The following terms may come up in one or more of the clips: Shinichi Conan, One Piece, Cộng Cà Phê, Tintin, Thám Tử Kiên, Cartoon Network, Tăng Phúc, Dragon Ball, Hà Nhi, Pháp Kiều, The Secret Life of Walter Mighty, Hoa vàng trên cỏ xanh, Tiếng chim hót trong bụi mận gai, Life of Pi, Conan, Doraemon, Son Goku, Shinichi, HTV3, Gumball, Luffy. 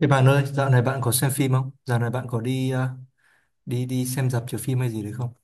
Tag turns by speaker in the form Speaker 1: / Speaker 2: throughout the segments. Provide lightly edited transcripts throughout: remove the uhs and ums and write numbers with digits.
Speaker 1: Thế bạn ơi, dạo này bạn có xem phim không? Dạo này bạn có đi ờ, đi đi xem rạp chiếu phim hay gì đấy không?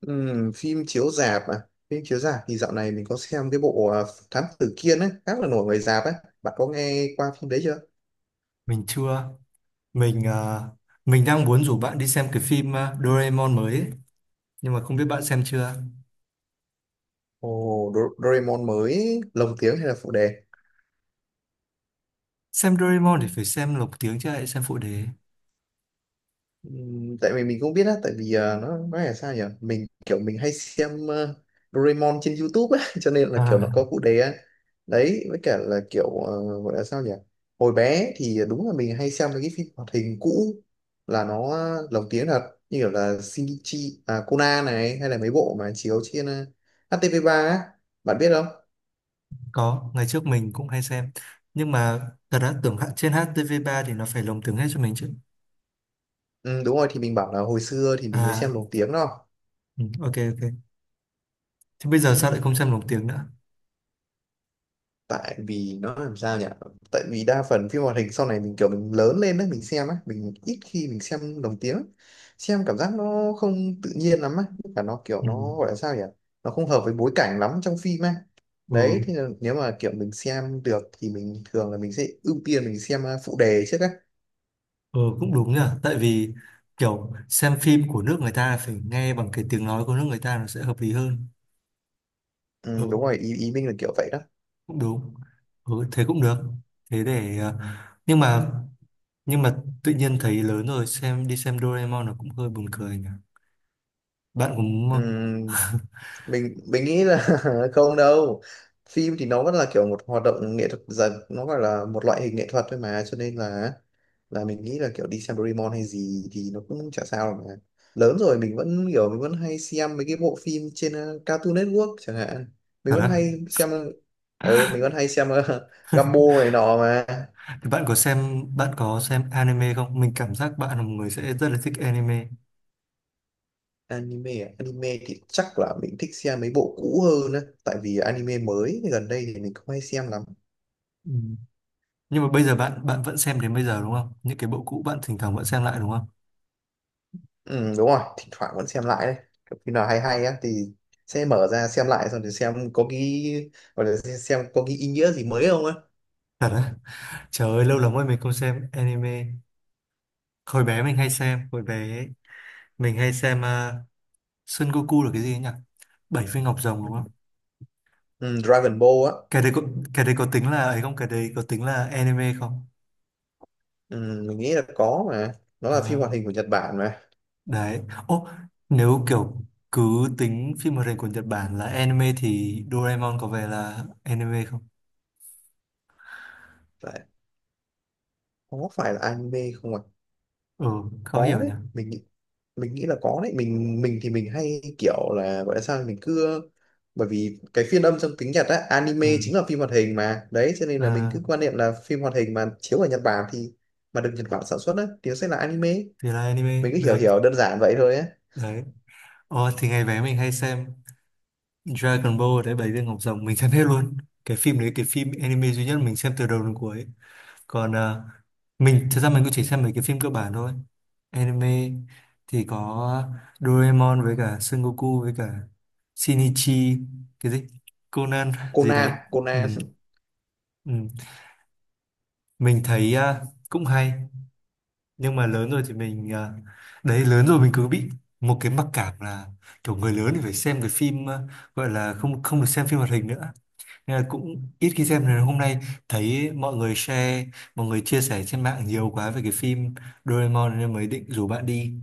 Speaker 2: Phim chiếu rạp à? Phim chiếu rạp thì dạo này mình có xem cái bộ à, Thám Tử Kiên ấy khá là nổi ngoài rạp ấy. Bạn có nghe qua phim đấy chưa?
Speaker 1: Mình chưa. Mình ờ, mình đang muốn rủ bạn đi xem cái phim Doraemon mới ấy. Nhưng mà không biết bạn xem chưa.
Speaker 2: Ồ, Doraemon mới lồng tiếng hay là phụ đề?
Speaker 1: Xem Doraemon thì phải xem lục tiếng chứ lại xem phụ đề.
Speaker 2: Tại vì mình cũng biết á, tại vì nó nói là sao nhỉ, mình kiểu mình hay xem Doraemon trên YouTube á cho nên là kiểu nó
Speaker 1: À,
Speaker 2: có phụ đề á. Đấy, với cả là kiểu gọi là sao nhỉ, hồi bé thì đúng là mình hay xem mấy cái phim hoạt hình cũ là nó lồng tiếng thật, như kiểu là Shinichi à, Conan này, hay là mấy bộ mà chiếu trên HTV3 á, bạn biết không?
Speaker 1: có, ngày trước mình cũng hay xem. Nhưng mà thật ra tưởng trên HTV3 thì nó phải lồng tiếng hết cho mình chứ.
Speaker 2: Ừ, đúng rồi, thì mình bảo là hồi xưa thì mình mới xem
Speaker 1: À,
Speaker 2: lồng tiếng đâu.
Speaker 1: ừ, ok, ok. Thế bây giờ sao lại không xem lồng tiếng nữa?
Speaker 2: Tại vì nó làm sao nhỉ, tại vì đa phần phim hoạt hình sau này mình kiểu mình lớn lên đó mình xem á, mình ít khi mình xem lồng tiếng. Xem cảm giác nó không tự nhiên lắm á, và nó kiểu
Speaker 1: Ừ.
Speaker 2: nó gọi là sao nhỉ, nó không hợp với bối cảnh lắm trong phim á. Đấy
Speaker 1: Ừ.
Speaker 2: thì là nếu mà kiểu mình xem được thì mình thường là mình sẽ ưu tiên mình xem phụ đề trước á.
Speaker 1: Ừ cũng đúng nhỉ. Tại vì kiểu xem phim của nước người ta phải nghe bằng cái tiếng nói của nước người ta, nó sẽ hợp lý hơn.
Speaker 2: Ừ, đúng
Speaker 1: Ừ
Speaker 2: rồi, ý ý mình là kiểu vậy đó.
Speaker 1: cũng đúng. Ừ thế cũng được. Thế để, Nhưng mà Nhưng mà tự nhiên thấy lớn rồi đi xem Doraemon nó cũng hơi buồn cười nhỉ. Bạn cũng.
Speaker 2: Ừ, mình nghĩ là không đâu. Phim thì nó vẫn là kiểu một hoạt động nghệ thuật, dần nó gọi là một loại hình nghệ thuật thôi mà, cho nên là mình nghĩ là kiểu đi xem Doraemon hay gì thì nó cũng chả sao mà. Lớn rồi mình vẫn kiểu mình vẫn hay xem mấy cái bộ phim trên Cartoon Network chẳng hạn, mình
Speaker 1: Thật
Speaker 2: vẫn
Speaker 1: á.
Speaker 2: hay xem. Ừ, mình vẫn hay xem Gumball này nọ mà.
Speaker 1: Thì bạn có xem, bạn có xem anime không? Mình cảm giác bạn là một người sẽ rất là thích anime.
Speaker 2: Anime à? Anime thì chắc là mình thích xem mấy bộ cũ hơn á, tại vì anime mới gần đây thì mình không hay xem lắm.
Speaker 1: Ừ. Nhưng mà bây giờ bạn Bạn vẫn xem đến bây giờ đúng không? Những cái bộ cũ bạn thỉnh thoảng vẫn xem lại đúng không?
Speaker 2: Ừ, đúng rồi, thỉnh thoảng vẫn xem lại đấy. Kiểu khi nào hay hay á thì sẽ mở ra xem lại, xong thì xem có cái gọi là xem có cái ý nghĩa gì mới không á.
Speaker 1: Thật á. Trời ơi lâu lắm rồi mình không xem anime. Hồi bé mình hay xem Son Goku là cái gì ấy nhỉ, bảy viên ngọc rồng đúng không?
Speaker 2: Ừ, Dragon Ball á.
Speaker 1: Cái đấy có cái đấy có tính là ấy không, cái đấy có tính là anime không?
Speaker 2: Ừ, mình nghĩ là có mà, nó là phim
Speaker 1: À,
Speaker 2: hoạt hình của Nhật Bản mà.
Speaker 1: đấy, ô, nếu kiểu cứ tính phim hoạt hình của Nhật Bản là anime thì Doraemon có vẻ là anime không?
Speaker 2: Phải, có phải là anime không ạ?
Speaker 1: Ừ, khó
Speaker 2: Có
Speaker 1: hiểu nhỉ.
Speaker 2: đấy, mình nghĩ là có đấy, mình thì mình hay kiểu là gọi là sao, mình cứ. Bởi vì cái phiên âm trong tiếng Nhật á, anime
Speaker 1: Ừ.
Speaker 2: chính là phim hoạt hình mà, đấy cho nên là mình
Speaker 1: À,
Speaker 2: cứ quan niệm là phim hoạt hình mà chiếu ở Nhật Bản thì mà được Nhật Bản sản xuất á thì nó sẽ là anime.
Speaker 1: thì là anime
Speaker 2: Mình cứ hiểu
Speaker 1: được.
Speaker 2: hiểu đơn giản vậy thôi á.
Speaker 1: Đấy, ô, thì ngày bé mình hay xem Dragon Ball đấy, bảy viên ngọc rồng mình xem hết luôn. Cái phim đấy, cái phim anime duy nhất mình xem từ đầu đến cuối. Còn mình thật ra mình cũng chỉ xem mấy cái phim cơ bản thôi. Anime thì có Doraemon với cả Son Goku với cả Shinichi, cái gì, Conan gì đấy.
Speaker 2: Conan,
Speaker 1: Ừ,
Speaker 2: Conan.
Speaker 1: ừ. Mình thấy cũng hay nhưng mà lớn rồi thì đấy lớn rồi mình cứ bị một cái mặc cảm là kiểu người lớn thì phải xem cái phim, gọi là không không được xem phim hoạt hình nữa. Nên là cũng ít khi xem. Rồi hôm nay thấy mọi người share, mọi người chia sẻ trên mạng nhiều quá về cái phim Doraemon nên mới định rủ bạn đi.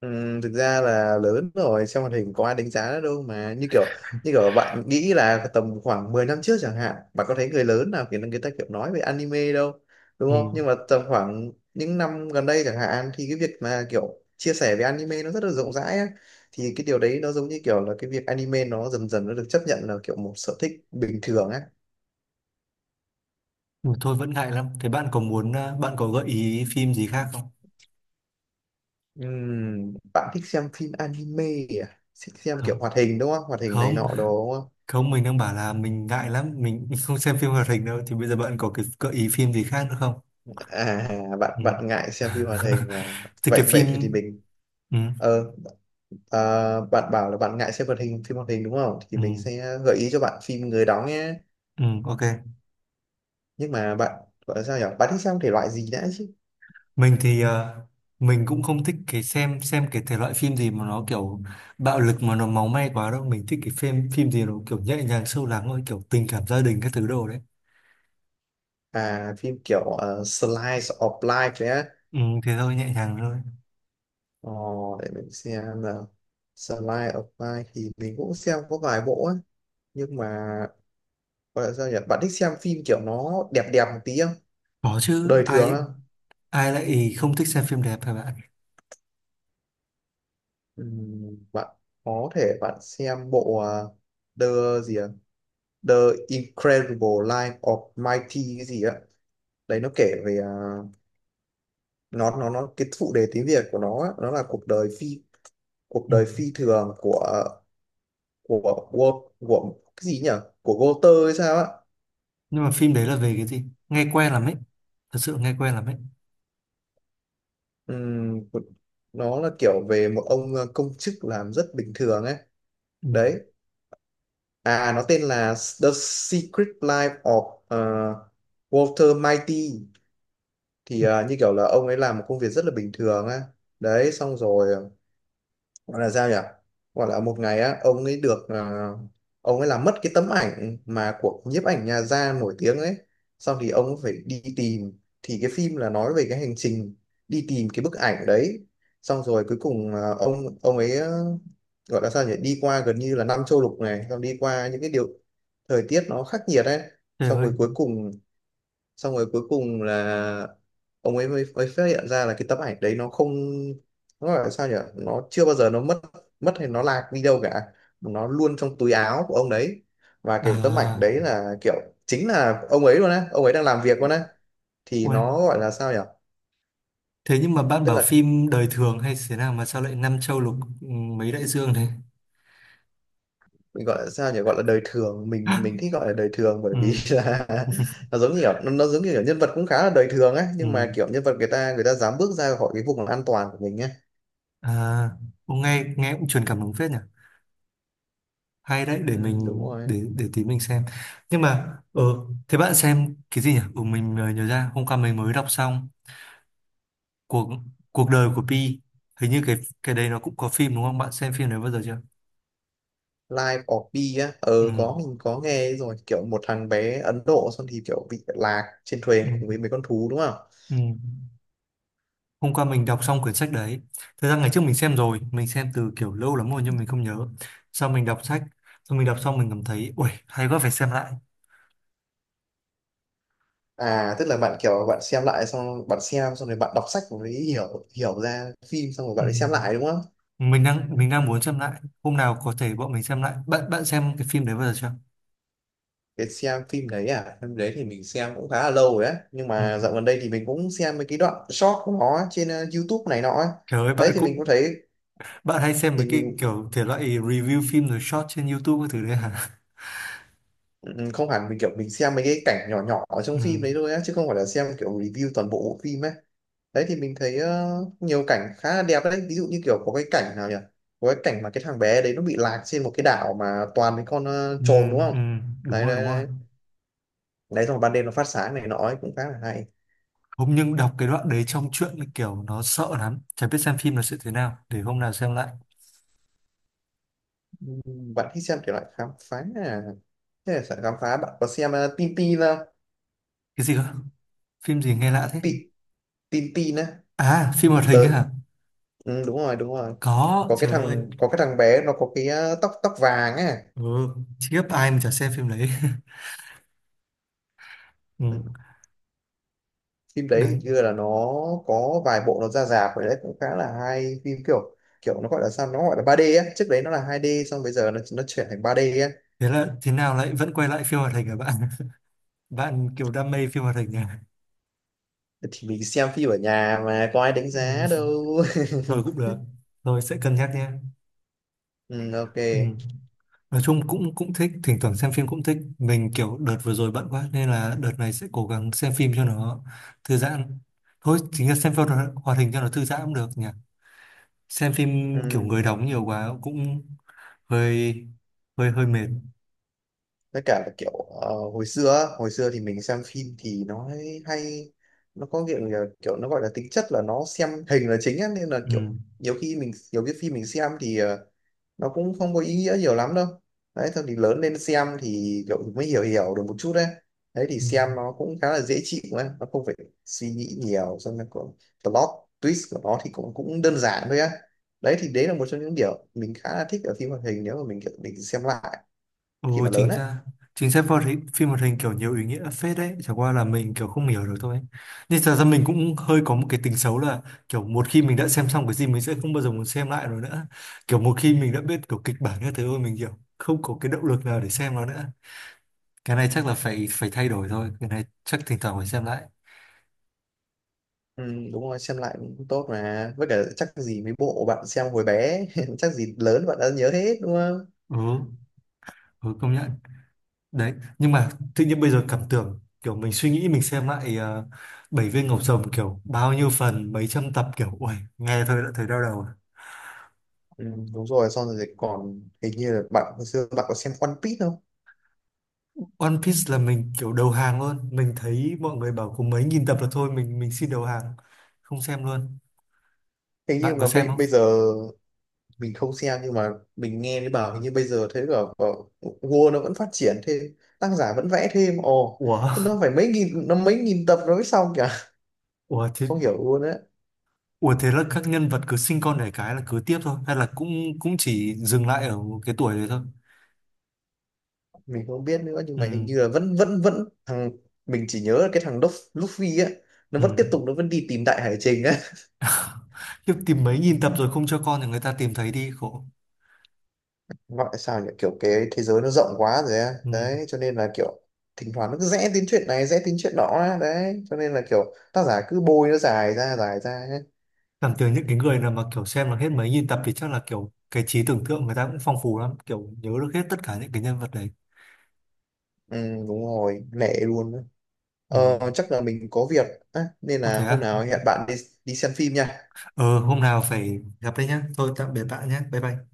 Speaker 2: Thực ra là lớn rồi xem hoạt hình có ai đánh giá nó đâu mà, như kiểu bạn nghĩ là tầm khoảng 10 năm trước chẳng hạn, bạn có thấy người lớn nào kiểu người ta kiểu nói về anime đâu, đúng
Speaker 1: Ừ.
Speaker 2: không? Nhưng mà tầm khoảng những năm gần đây chẳng hạn thì cái việc mà kiểu chia sẻ về anime nó rất là rộng rãi á. Thì cái điều đấy nó giống như kiểu là cái việc anime nó dần dần nó được chấp nhận là kiểu một sở thích bình thường á.
Speaker 1: Ừ, thôi vẫn ngại lắm. Thế bạn có muốn, bạn có gợi ý phim gì khác không?
Speaker 2: Bạn thích xem phim anime à, thích xem kiểu
Speaker 1: Không.
Speaker 2: hoạt hình đúng không, hoạt hình này nọ
Speaker 1: Không,
Speaker 2: đồ đúng?
Speaker 1: không, mình đang bảo là mình ngại lắm, mình không xem phim hoạt hình đâu. Thì bây giờ bạn có cái gợi ý phim gì khác nữa không?
Speaker 2: À,
Speaker 1: Ừ.
Speaker 2: bạn bạn ngại xem phim hoạt hình à?
Speaker 1: Thì
Speaker 2: vậy
Speaker 1: cái phim...
Speaker 2: vậy thì mình
Speaker 1: Ừ,
Speaker 2: ờ à, bạn bảo là bạn ngại xem hoạt hình phim hoạt hình đúng không, thì
Speaker 1: ừ,
Speaker 2: mình sẽ gợi ý cho bạn phim người đóng nhé.
Speaker 1: ừ, ok.
Speaker 2: Nhưng mà bạn gọi là sao nhỉ, bạn thích xem thể loại gì đã chứ?
Speaker 1: Mình thì mình cũng không thích cái xem cái thể loại phim gì mà nó kiểu bạo lực mà nó máu me quá đâu. Mình thích cái phim phim gì nó kiểu nhẹ nhàng sâu lắng thôi, kiểu tình cảm gia đình các thứ đồ đấy.
Speaker 2: À phim kiểu slice of life đấy á.
Speaker 1: Ừ, thế thôi nhẹ nhàng thôi.
Speaker 2: ờ, để mình xem nào. Slice of life thì mình cũng xem có vài bộ á, nhưng mà gọi là sao nhỉ, bạn thích xem phim kiểu nó đẹp đẹp một tí không?
Speaker 1: Có chứ,
Speaker 2: Đời thường
Speaker 1: ai,
Speaker 2: á,
Speaker 1: ai lại không thích xem phim đẹp hả bạn.
Speaker 2: Bạn có thể bạn xem bộ à, The gì ạ, The Incredible Life of Mighty cái gì á. Đấy nó kể về à, nó cái phụ đề tiếng Việt của nó á, nó là cuộc đời phi, cuộc
Speaker 1: Ừ.
Speaker 2: đời phi thường của, của cái gì nhỉ, của Walter hay sao á.
Speaker 1: Nhưng mà phim đấy là về cái gì? Nghe quen lắm ấy, thật sự nghe quen lắm ấy.
Speaker 2: Ừm, nó là kiểu về một ông công chức làm rất bình thường ấy.
Speaker 1: Ừ.
Speaker 2: Đấy, à nó tên là The Secret Life of Walter Mighty, thì
Speaker 1: Ừ,
Speaker 2: à, như kiểu là ông ấy làm một công việc rất là bình thường á. Đấy xong rồi gọi là sao nhỉ, gọi là một ngày á ông ấy được à, ông ấy làm mất cái tấm ảnh mà của nhiếp ảnh nhà gia nổi tiếng ấy, xong thì ông ấy phải đi tìm, thì cái phim là nói về cái hành trình đi tìm cái bức ảnh đấy. Xong rồi cuối cùng à, ông ấy à, gọi là sao nhỉ, đi qua gần như là năm châu lục này, xong đi qua những cái điều thời tiết nó khắc nghiệt ấy.
Speaker 1: trời
Speaker 2: xong
Speaker 1: ơi.
Speaker 2: rồi cuối cùng Xong rồi cuối cùng là ông ấy mới phát hiện ra là cái tấm ảnh đấy nó không, nó gọi là sao nhỉ, nó chưa bao giờ nó mất, mất hay nó lạc đi đâu cả, nó luôn trong túi áo của ông đấy. Và cái tấm ảnh
Speaker 1: À,
Speaker 2: đấy là kiểu chính là ông ấy luôn á, ông ấy đang làm việc luôn á. Thì nó
Speaker 1: ui.
Speaker 2: gọi là sao nhỉ,
Speaker 1: Thế nhưng mà bạn
Speaker 2: tức
Speaker 1: bảo
Speaker 2: là
Speaker 1: phim đời thường hay thế nào mà sao lại năm châu lục, ừ, mấy đại dương thế?
Speaker 2: mình gọi là sao nhỉ, gọi là đời thường, mình thích gọi là đời thường bởi
Speaker 1: Ừ.
Speaker 2: vì là nó giống như kiểu nhân vật cũng khá là đời thường ấy,
Speaker 1: Ừ.
Speaker 2: nhưng mà kiểu nhân vật người ta dám bước ra khỏi cái vùng an toàn của mình á.
Speaker 1: À, cũng nghe, nghe cũng truyền cảm hứng phết nhỉ. Hay đấy, để
Speaker 2: Ừ, đúng
Speaker 1: mình,
Speaker 2: rồi.
Speaker 1: để tí mình xem. Nhưng mà thế bạn xem cái gì nhỉ? Ừ, mình nhớ ra hôm qua mình mới đọc xong cuộc cuộc đời của Pi. Hình như cái đấy nó cũng có phim đúng không? Bạn xem phim đấy bao giờ chưa?
Speaker 2: Life of Pi á,
Speaker 1: Ừ,
Speaker 2: có, mình có nghe rồi, kiểu một thằng bé Ấn Độ xong thì kiểu bị lạc trên
Speaker 1: ừ,
Speaker 2: thuyền cùng với mấy con thú đúng không?
Speaker 1: ừ. Hôm qua mình đọc xong quyển sách đấy. Thật ra ngày trước mình xem rồi, mình xem từ kiểu lâu lắm rồi nhưng mình không nhớ. Sau mình đọc sách, xong mình đọc xong mình cảm thấy ui hay quá phải xem lại.
Speaker 2: À tức là bạn kiểu bạn xem lại, xong bạn xem xong rồi bạn đọc sách mới hiểu hiểu ra phim, xong rồi
Speaker 1: Ừ.
Speaker 2: bạn đi xem lại đúng không?
Speaker 1: Mình đang muốn xem lại, hôm nào có thể bọn mình xem lại. Bạn bạn xem cái phim đấy bao giờ chưa?
Speaker 2: Cái xem phim đấy à, phim đấy thì mình xem cũng khá là lâu rồi á, nhưng
Speaker 1: Ừ.
Speaker 2: mà dạo gần đây thì mình cũng xem mấy cái đoạn short của nó trên YouTube này nọ ấy.
Speaker 1: Trời ơi
Speaker 2: Đấy
Speaker 1: bạn
Speaker 2: thì mình
Speaker 1: cũng,
Speaker 2: cũng thấy,
Speaker 1: bạn hay xem
Speaker 2: thì
Speaker 1: mấy cái
Speaker 2: mình.
Speaker 1: kiểu thể loại review phim rồi short trên YouTube cái thứ đấy hả?
Speaker 2: Ừ, không hẳn mình kiểu mình xem mấy cái cảnh nhỏ nhỏ ở
Speaker 1: Ừ.
Speaker 2: trong phim đấy thôi á, chứ không phải là xem kiểu review toàn bộ bộ phim ấy. Đấy thì mình thấy nhiều cảnh khá là đẹp đấy, ví dụ như kiểu có cái cảnh nào nhỉ, có cái cảnh mà cái thằng bé đấy nó bị lạc trên một cái đảo mà toàn mấy con
Speaker 1: Ừ.
Speaker 2: trồn đúng không?
Speaker 1: Ừ. Đúng
Speaker 2: Đấy
Speaker 1: rồi,
Speaker 2: đấy
Speaker 1: đúng rồi.
Speaker 2: đấy, đấy xong rồi ban đêm nó phát sáng này nọ ấy cũng khá là hay.
Speaker 1: Hôm nhưng đọc cái đoạn đấy trong truyện là kiểu nó sợ lắm, chả biết xem phim là sẽ thế nào, để hôm nào xem lại.
Speaker 2: Ừ, bạn thích xem kiểu loại khám phá à, thế là sợ khám phá, bạn có xem tin tin không?
Speaker 1: Cái gì cơ? Phim gì nghe lạ thế?
Speaker 2: Tin, tin tin á,
Speaker 1: À phim hoạt hình ấy
Speaker 2: tới.
Speaker 1: hả?
Speaker 2: Ừ, đúng rồi, đúng rồi.
Speaker 1: Có, trời ơi.
Speaker 2: Có cái thằng bé nó có cái tóc tóc vàng ấy.
Speaker 1: Ừ. Khiếp, ai mà chả xem phim đấy.
Speaker 2: Ừ.
Speaker 1: Ừ.
Speaker 2: Phim đấy thì
Speaker 1: Đấy.
Speaker 2: như là nó có vài bộ nó ra rạp rồi đấy, cũng khá là hay, phim kiểu kiểu nó gọi là sao, nó gọi là 3D á, trước đấy nó là 2D, xong bây giờ nó chuyển thành 3D á.
Speaker 1: Thế là thế nào lại vẫn quay lại phim hoạt hình hả bạn? Bạn kiểu đam mê phim hoạt hình nha.
Speaker 2: Thì mình xem phim ở nhà mà có ai đánh
Speaker 1: Ừ.
Speaker 2: giá đâu.
Speaker 1: Thôi cũng được. Thôi sẽ cân nhắc nha.
Speaker 2: Ừ, ok.
Speaker 1: Ừ. Nói chung cũng cũng thích, thỉnh thoảng xem phim cũng thích. Mình kiểu đợt vừa rồi bận quá nên là đợt này sẽ cố gắng xem phim cho nó thư giãn. Thôi chính là xem phim hoạt hoạt hình cho nó thư giãn cũng được nhỉ. Xem phim kiểu
Speaker 2: Ừ.
Speaker 1: người đóng nhiều quá cũng hơi hơi hơi mệt.
Speaker 2: Với cả là kiểu hồi xưa á, hồi xưa thì mình xem phim thì nó hay hay- nó có kiểu là kiểu nó gọi là tính chất là nó xem hình là chính á, nên là kiểu
Speaker 1: Ừ.
Speaker 2: nhiều khi mình nhiều cái phim mình xem thì nó cũng không có ý nghĩa nhiều lắm đâu. Đấy thôi thì lớn lên xem thì cậu mới hiểu hiểu được một chút đấy. Đấy thì
Speaker 1: Ừ.
Speaker 2: xem nó cũng khá là dễ chịu ấy, nó không phải suy nghĩ nhiều, xong rồi còn plot twist của nó thì cũng cũng đơn giản thôi á. Đấy thì đấy là một trong những điều mình khá là thích ở phim hoạt hình nếu mà mình kiểu mình xem lại khi
Speaker 1: Ồ
Speaker 2: mà lớn
Speaker 1: chính
Speaker 2: á.
Speaker 1: ra chính ra phim hoạt hình, kiểu nhiều ý nghĩa phết đấy, chẳng qua là mình kiểu không hiểu được thôi. Nhưng thật ra mình cũng hơi có một cái tính xấu là kiểu một khi mình đã xem xong cái gì mình sẽ không bao giờ muốn xem lại rồi nữa. Kiểu một khi mình đã biết kiểu kịch bản như thế rồi mình kiểu không có cái động lực nào để xem nó nữa. Cái này chắc là phải phải thay đổi thôi, cái này chắc thỉnh thoảng phải xem lại.
Speaker 2: Ừ, đúng rồi, xem lại cũng tốt mà, với cả chắc gì mấy bộ bạn xem hồi bé, chắc gì lớn bạn đã nhớ hết đúng không?
Speaker 1: Ừ, ừ, công nhận. Đấy, nhưng mà tự nhiên bây giờ cảm tưởng kiểu mình suy nghĩ mình xem lại bảy viên ngọc rồng kiểu bao nhiêu phần mấy trăm tập kiểu ui nghe thôi đã thấy đau đầu.
Speaker 2: Ừ, đúng rồi, xong rồi còn hình như là bạn hồi xưa bạn có xem One Piece không?
Speaker 1: One Piece là mình kiểu đầu hàng luôn, mình thấy mọi người bảo có mấy nghìn tập là thôi, mình xin đầu hàng, không xem luôn.
Speaker 2: Thế
Speaker 1: Bạn
Speaker 2: nhưng
Speaker 1: có
Speaker 2: mà
Speaker 1: xem
Speaker 2: bây bây
Speaker 1: không?
Speaker 2: giờ mình không xem, nhưng mà mình nghe thấy bảo hình như bây giờ thấy bảo Word nó vẫn phát triển thêm, tác giả vẫn vẽ thêm. Ồ,
Speaker 1: Ủa.
Speaker 2: thế nó phải mấy nghìn, nó mấy nghìn tập nó mới xong kìa.
Speaker 1: Ủa thế.
Speaker 2: Không hiểu luôn á.
Speaker 1: Ủa thế là các nhân vật cứ sinh con đẻ cái là cứ tiếp thôi hay là cũng cũng chỉ dừng lại ở một cái tuổi đấy thôi?
Speaker 2: Mình không biết nữa nhưng
Speaker 1: Ừ,
Speaker 2: mà hình như là vẫn vẫn vẫn thằng, mình chỉ nhớ là cái thằng Luffy á, nó vẫn
Speaker 1: ừ.
Speaker 2: tiếp tục, nó vẫn đi tìm đại hải trình á.
Speaker 1: Chứ tìm mấy nghìn tập rồi không cho con thì người ta tìm thấy đi khổ.
Speaker 2: Gọi là sao nhỉ, kiểu cái thế giới nó rộng quá rồi á,
Speaker 1: Ừ.
Speaker 2: đấy cho nên là kiểu thỉnh thoảng nó cứ rẽ đến chuyện này rẽ đến chuyện đó á. Đấy cho nên là kiểu tác giả cứ bôi nó dài ra ấy.
Speaker 1: Cảm tưởng những cái người nào mà kiểu xem là hết mấy nghìn tập thì chắc là kiểu cái trí tưởng tượng người ta cũng phong phú lắm, kiểu nhớ được hết tất cả những cái nhân vật đấy.
Speaker 2: Ừ, đúng rồi, lẻ luôn á.
Speaker 1: Ừ.
Speaker 2: Chắc là mình có việc á, nên
Speaker 1: Ồ
Speaker 2: là
Speaker 1: thế
Speaker 2: hôm
Speaker 1: à.
Speaker 2: nào hẹn bạn đi, đi xem phim nha.
Speaker 1: Ờ, hôm nào phải gặp đấy nhá. Thôi tạm biệt bạn nhé. Bye bye.